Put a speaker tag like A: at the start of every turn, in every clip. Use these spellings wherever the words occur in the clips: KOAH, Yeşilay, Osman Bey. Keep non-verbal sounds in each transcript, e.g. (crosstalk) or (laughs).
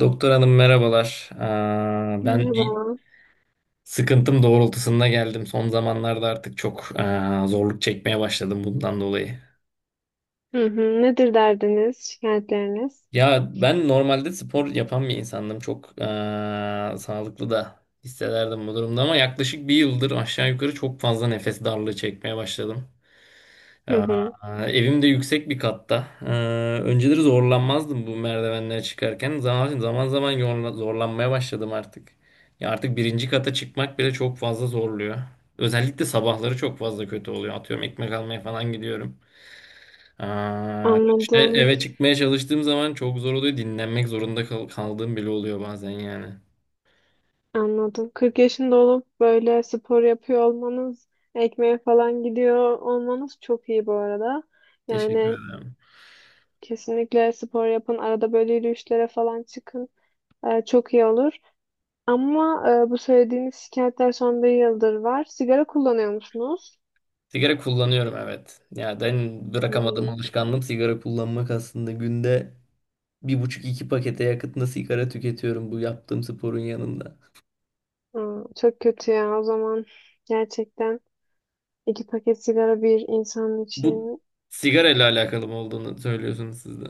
A: Doktor hanım merhabalar. Ben bir
B: Merhaba.
A: sıkıntım doğrultusunda geldim. Son zamanlarda artık çok zorluk çekmeye başladım bundan dolayı.
B: Hı hı. Nedir derdiniz, şikayetleriniz?
A: Ya ben normalde spor yapan bir insandım. Çok sağlıklı da hissederdim bu durumda ama yaklaşık bir yıldır aşağı yukarı çok fazla nefes darlığı çekmeye başladım.
B: Hı hı.
A: Evim de yüksek bir katta. Önceleri zorlanmazdım bu merdivenlere çıkarken. Zaman zaman zorlanmaya başladım artık. Ya artık birinci kata çıkmak bile çok fazla zorluyor. Özellikle sabahları çok fazla kötü oluyor. Atıyorum ekmek almaya falan gidiyorum. İşte
B: Anladım,
A: eve çıkmaya çalıştığım zaman çok zor oluyor. Dinlenmek zorunda kaldığım bile oluyor bazen yani.
B: anladım. 40 yaşında olup böyle spor yapıyor olmanız, ekmeğe falan gidiyor olmanız çok iyi bu arada.
A: Teşekkür
B: Yani
A: ederim.
B: kesinlikle spor yapın, arada böyle yürüyüşlere falan çıkın. Çok iyi olur. Ama bu söylediğiniz şikayetler son bir yıldır var. Sigara kullanıyor musunuz?
A: Sigara kullanıyorum, evet. Ya ben bırakamadığım
B: Hmm.
A: alışkanlığım sigara kullanmak, aslında günde bir buçuk iki pakete yakıtında sigara tüketiyorum bu yaptığım sporun yanında.
B: Çok kötü ya o zaman. Gerçekten 2 paket sigara bir insan
A: Bu
B: için.
A: sigara ile alakalı mı olduğunu söylüyorsunuz siz de.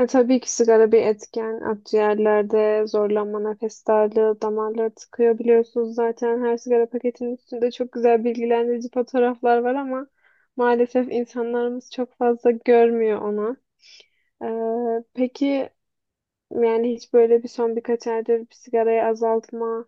B: Tabii ki sigara bir etken. Akciğerlerde zorlanma, nefes darlığı, damarları tıkıyor biliyorsunuz zaten. Her sigara paketinin üstünde çok güzel bilgilendirici fotoğraflar var ama maalesef insanlarımız çok fazla görmüyor onu. Peki yani hiç böyle bir son birkaç aydır bir sigarayı azaltma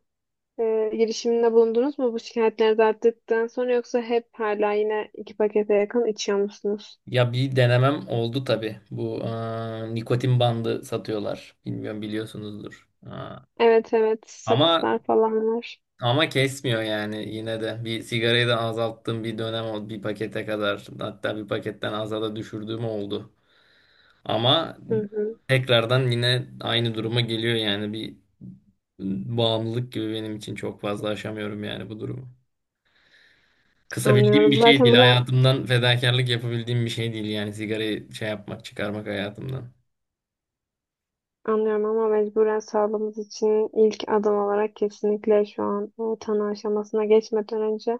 B: girişiminde bulundunuz mu bu şikayetleriniz arttıktan sonra, yoksa hep hala yine 2 pakete yakın içiyor musunuz?
A: Ya bir denemem oldu tabii. Bu nikotin bandı satıyorlar. Bilmiyorum, biliyorsunuzdur.
B: Evet evet,
A: Ama
B: sakızlar falan var.
A: ama kesmiyor yani yine de. Bir sigarayı da azalttığım bir dönem oldu. Bir pakete kadar, hatta bir paketten aza da düşürdüğüm oldu. Ama
B: Hı hı.
A: tekrardan yine aynı duruma geliyor yani, bir bağımlılık gibi benim için, çok fazla aşamıyorum yani bu durumu. Kısabildiğim bir
B: Anlıyorum.
A: şey
B: Zaten
A: değil.
B: bura
A: Hayatımdan fedakarlık yapabildiğim bir şey değil, yani sigarayı şey yapmak, çıkarmak hayatımdan.
B: Anlıyorum, ama mecburen sağlığımız için ilk adım olarak kesinlikle şu an o tanı aşamasına geçmeden önce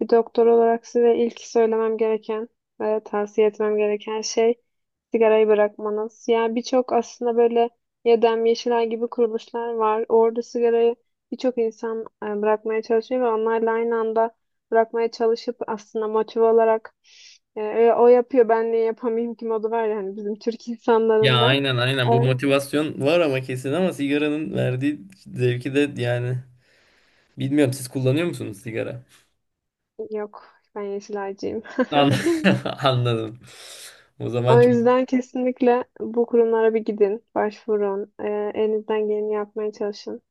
B: bir doktor olarak size ilk söylemem gereken ve tavsiye etmem gereken şey sigarayı bırakmanız. Yani birçok aslında böyle Yedem Yeşilay gibi kuruluşlar var. Orada sigarayı birçok insan bırakmaya çalışıyor ve onlarla aynı anda bırakmaya çalışıp aslında motive olarak o yapıyor ben niye yapamayayım ki modu var yani bizim Türk
A: Ya
B: insanlarında.
A: aynen aynen, bu motivasyon var ama kesin, ama sigaranın verdiği zevki de, yani bilmiyorum, siz kullanıyor musunuz sigara?
B: Yok, ben Yeşilaycıyım.
A: An-
B: (laughs)
A: (laughs) Anladım. O zaman
B: O
A: çok
B: yüzden kesinlikle bu kurumlara bir gidin, başvurun, elinizden geleni yapmaya çalışın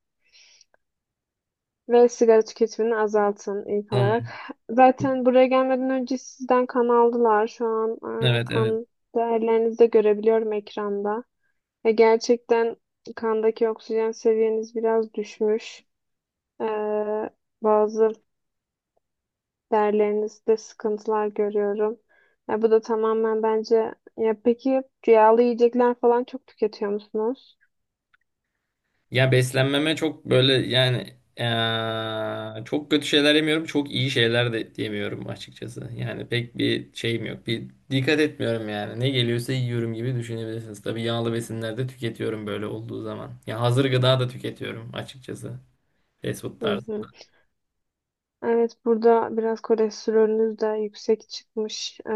B: ve sigara tüketimini azaltın ilk olarak.
A: tamam.
B: Zaten buraya gelmeden önce sizden kan aldılar. Şu an
A: Evet, evet.
B: kan değerlerinizi de görebiliyorum ekranda. Ve gerçekten kandaki oksijen seviyeniz biraz düşmüş. E, Bazı derlerinizde sıkıntılar görüyorum. Ya bu da tamamen bence. Ya peki rüyalı yiyecekler falan çok tüketiyor musunuz?
A: Ya beslenmeme çok böyle yani, çok kötü şeyler yemiyorum, çok iyi şeyler de yemiyorum açıkçası. Yani pek bir şeyim yok. Bir dikkat etmiyorum yani. Ne geliyorsa yiyorum gibi düşünebilirsiniz. Tabii yağlı besinler de tüketiyorum böyle olduğu zaman. Ya hazır gıda da tüketiyorum açıkçası. Fast food
B: Hı
A: tarzı.
B: hı. Evet, burada biraz kolesterolünüz de yüksek çıkmış.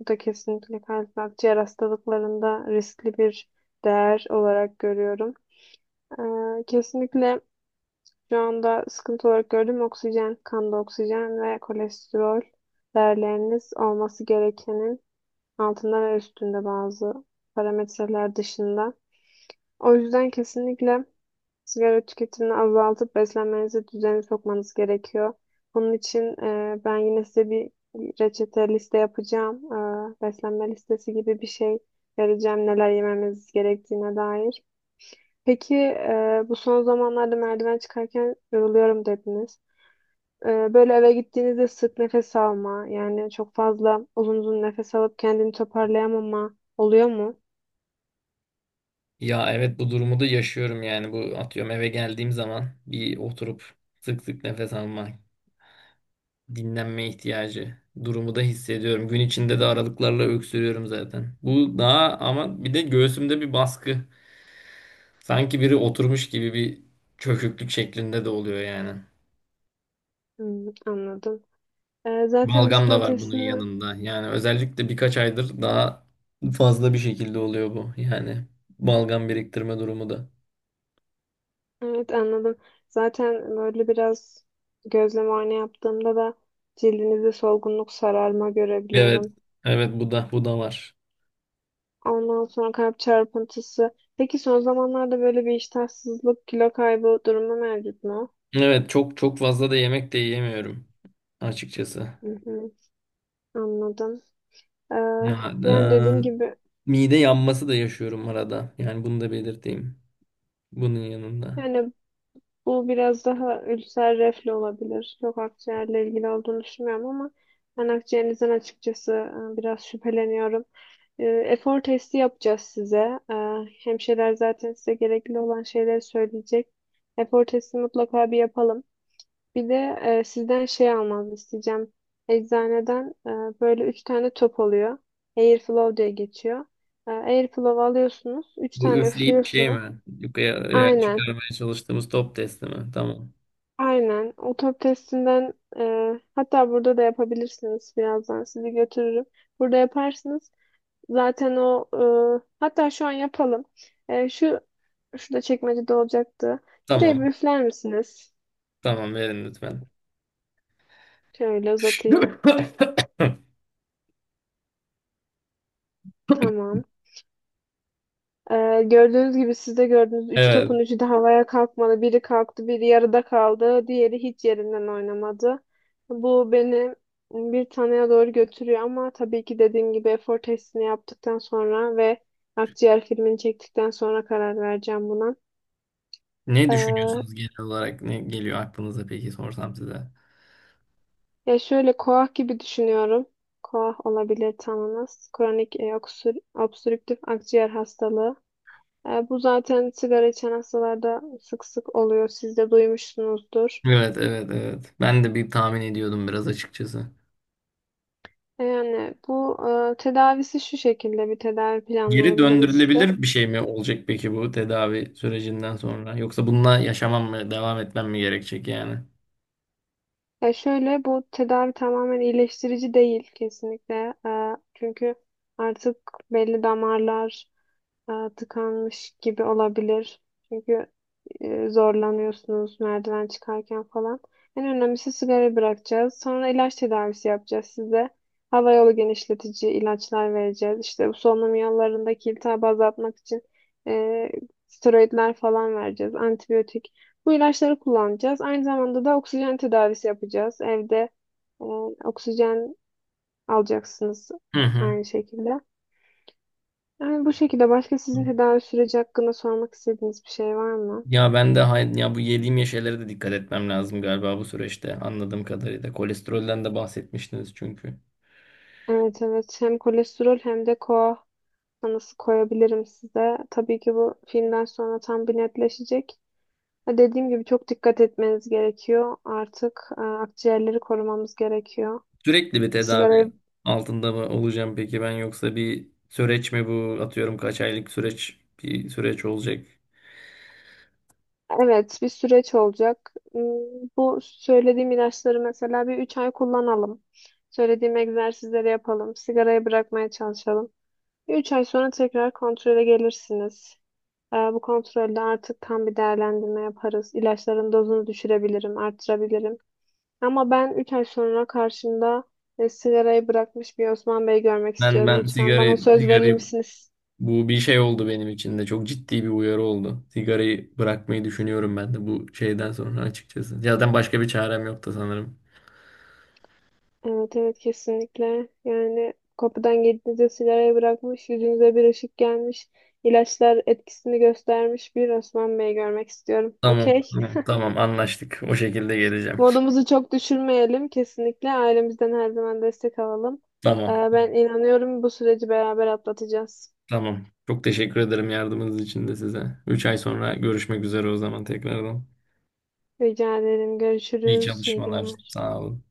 B: Bu da kesinlikle kalp ve akciğer hastalıklarında riskli bir değer olarak görüyorum. Kesinlikle şu anda sıkıntı olarak gördüğüm oksijen, kanda oksijen ve kolesterol değerleriniz olması gerekenin altında ve üstünde bazı parametreler dışında. O yüzden kesinlikle sigara tüketimini azaltıp beslenmenizi düzene sokmanız gerekiyor. Bunun için ben yine size bir reçete liste yapacağım. Beslenme listesi gibi bir şey vereceğim neler yememiz gerektiğine dair. Peki bu son zamanlarda merdiven çıkarken yoruluyorum dediniz. Böyle eve gittiğinizde sık nefes alma, yani çok fazla uzun uzun nefes alıp kendini toparlayamama oluyor mu?
A: Ya evet, bu durumu da yaşıyorum yani. Bu, atıyorum eve geldiğim zaman bir oturup sık sık nefes alma, dinlenme ihtiyacı durumu da hissediyorum. Gün içinde de aralıklarla öksürüyorum zaten. Bu daha, ama bir de göğsümde bir baskı. Sanki biri oturmuş gibi bir çöküklük şeklinde de oluyor yani.
B: Anladım. Zaten biz
A: Balgam da
B: kan
A: var bunun
B: testini.
A: yanında. Yani özellikle birkaç aydır daha fazla bir şekilde oluyor bu. Yani balgam biriktirme durumu da.
B: Evet, anladım. Zaten böyle biraz gözlem muayene yaptığımda da cildinizde solgunluk, sararma
A: Evet.
B: görebiliyorum.
A: Evet, bu da var.
B: Ondan sonra kalp çarpıntısı. Peki son zamanlarda böyle bir iştahsızlık, kilo kaybı durumu mevcut mu?
A: Evet, çok çok fazla da yemek de yiyemiyorum açıkçası.
B: Hı hı, anladım. Ee,
A: Ya
B: Yani dediğim gibi,
A: mide yanması da yaşıyorum arada. Yani bunu da belirteyim. Bunun yanında.
B: yani bu biraz daha ülser reflü olabilir. Çok akciğerle ilgili olduğunu düşünmüyorum ama ben akciğerinizden açıkçası biraz şüpheleniyorum. Efor testi yapacağız size. Hemşireler zaten size gerekli olan şeyleri söyleyecek. Efor testi mutlaka bir yapalım. Bir de sizden şey almanızı isteyeceğim. Eczaneden böyle 3 tane top oluyor. Airflow diye geçiyor. Airflow alıyorsunuz. Üç
A: Bu
B: tane
A: üfleyip şey
B: üflüyorsunuz.
A: mi? Yukarıya
B: Aynen.
A: çıkarmaya çalıştığımız top testi mi? Tamam.
B: Aynen. O top testinden hatta burada da yapabilirsiniz. Birazdan sizi götürürüm. Burada yaparsınız. Zaten o hatta şu an yapalım. E, şu Şurada çekmecede olacaktı. Şuraya bir
A: Tamam.
B: üfler misiniz?
A: Tamam, verin lütfen.
B: Şöyle uzatayım.
A: (laughs)
B: Tamam. Gördüğünüz gibi, siz de gördünüz. Üç
A: Evet.
B: topun üçü de havaya kalkmadı. Biri kalktı, biri yarıda kaldı. Diğeri hiç yerinden oynamadı. Bu beni bir taneye doğru götürüyor, ama tabii ki dediğim gibi efor testini yaptıktan sonra ve akciğer filmini çektikten sonra karar vereceğim buna.
A: Ne
B: E,
A: düşünüyorsunuz genel olarak? Ne geliyor aklınıza peki, sorsam size?
B: Ya, şöyle koah gibi düşünüyorum. Koah olabilir tanınız. Kronik obstrüktif akciğer hastalığı. Bu zaten sigara içen hastalarda sık sık oluyor. Siz de duymuşsunuzdur.
A: Evet, evet, evet. Ben de bir tahmin ediyordum biraz açıkçası.
B: Yani bu tedavisi şu şekilde, bir tedavi
A: Geri
B: planlayabiliriz size.
A: döndürülebilir bir şey mi olacak peki bu tedavi sürecinden sonra? Yoksa bununla yaşamam mı, devam etmem mi gerekecek yani?
B: Ya şöyle, bu tedavi tamamen iyileştirici değil kesinlikle. Çünkü artık belli damarlar tıkanmış gibi olabilir. Çünkü zorlanıyorsunuz merdiven çıkarken falan. En önemlisi sigara bırakacağız. Sonra ilaç tedavisi yapacağız size. Hava yolu genişletici ilaçlar vereceğiz. İşte bu solunum yollarındaki iltihabı azaltmak için e, steroidler falan vereceğiz. Antibiyotik. Bu ilaçları kullanacağız. Aynı zamanda da oksijen tedavisi yapacağız. Evde e, oksijen alacaksınız
A: Hı hı.
B: aynı şekilde. Yani bu şekilde başka sizin tedavi süreci hakkında sormak istediğiniz bir şey var mı?
A: Ya ben de ya bu yediğim şeylere de dikkat etmem lazım galiba bu süreçte, anladığım kadarıyla. Kolesterolden de bahsetmiştiniz çünkü.
B: Evet evet, hem kolesterol hem de koa tanısı koyabilirim size. Tabii ki bu filmden sonra tam bir netleşecek. Ha, dediğim gibi çok dikkat etmeniz gerekiyor. Artık akciğerleri korumamız gerekiyor.
A: Sürekli bir tedavi
B: Sigarayı.
A: altında mı olacağım peki ben, yoksa bir süreç mi bu, atıyorum kaç aylık süreç, bir süreç olacak.
B: Evet, bir süreç olacak. Bu söylediğim ilaçları mesela bir 3 ay kullanalım. Söylediğim egzersizleri yapalım. Sigarayı bırakmaya çalışalım. 3 ay sonra tekrar kontrole gelirsiniz. Bu kontrolde artık tam bir değerlendirme yaparız. İlaçların dozunu düşürebilirim, arttırabilirim. Ama ben 3 ay sonra karşımda sigarayı bırakmış bir Osman Bey görmek
A: Ben
B: istiyorum.
A: ben
B: Lütfen
A: sigara
B: bana söz verir
A: sigarayı
B: misiniz?
A: Bu bir şey oldu benim için de. Çok ciddi bir uyarı oldu. Sigarayı bırakmayı düşünüyorum ben de bu şeyden sonra açıkçası. Zaten başka bir çarem yoktu sanırım.
B: Evet evet, kesinlikle. Yani kapıdan girdiğinizde sigarayı bırakmış, yüzünüze bir ışık gelmiş, ilaçlar etkisini göstermiş bir Osman Bey görmek istiyorum.
A: Tamam,
B: Okey?
A: tamam, tamam, anlaştık. O şekilde geleceğim.
B: Modumuzu çok düşürmeyelim. Kesinlikle ailemizden her zaman destek alalım.
A: Tamam,
B: Ben inanıyorum bu süreci beraber atlatacağız.
A: tamam. Çok teşekkür ederim yardımınız için de size. 3 ay sonra görüşmek üzere o zaman tekrardan.
B: Rica ederim.
A: İyi
B: Görüşürüz. İyi
A: çalışmalar.
B: günler.
A: Sağ olun.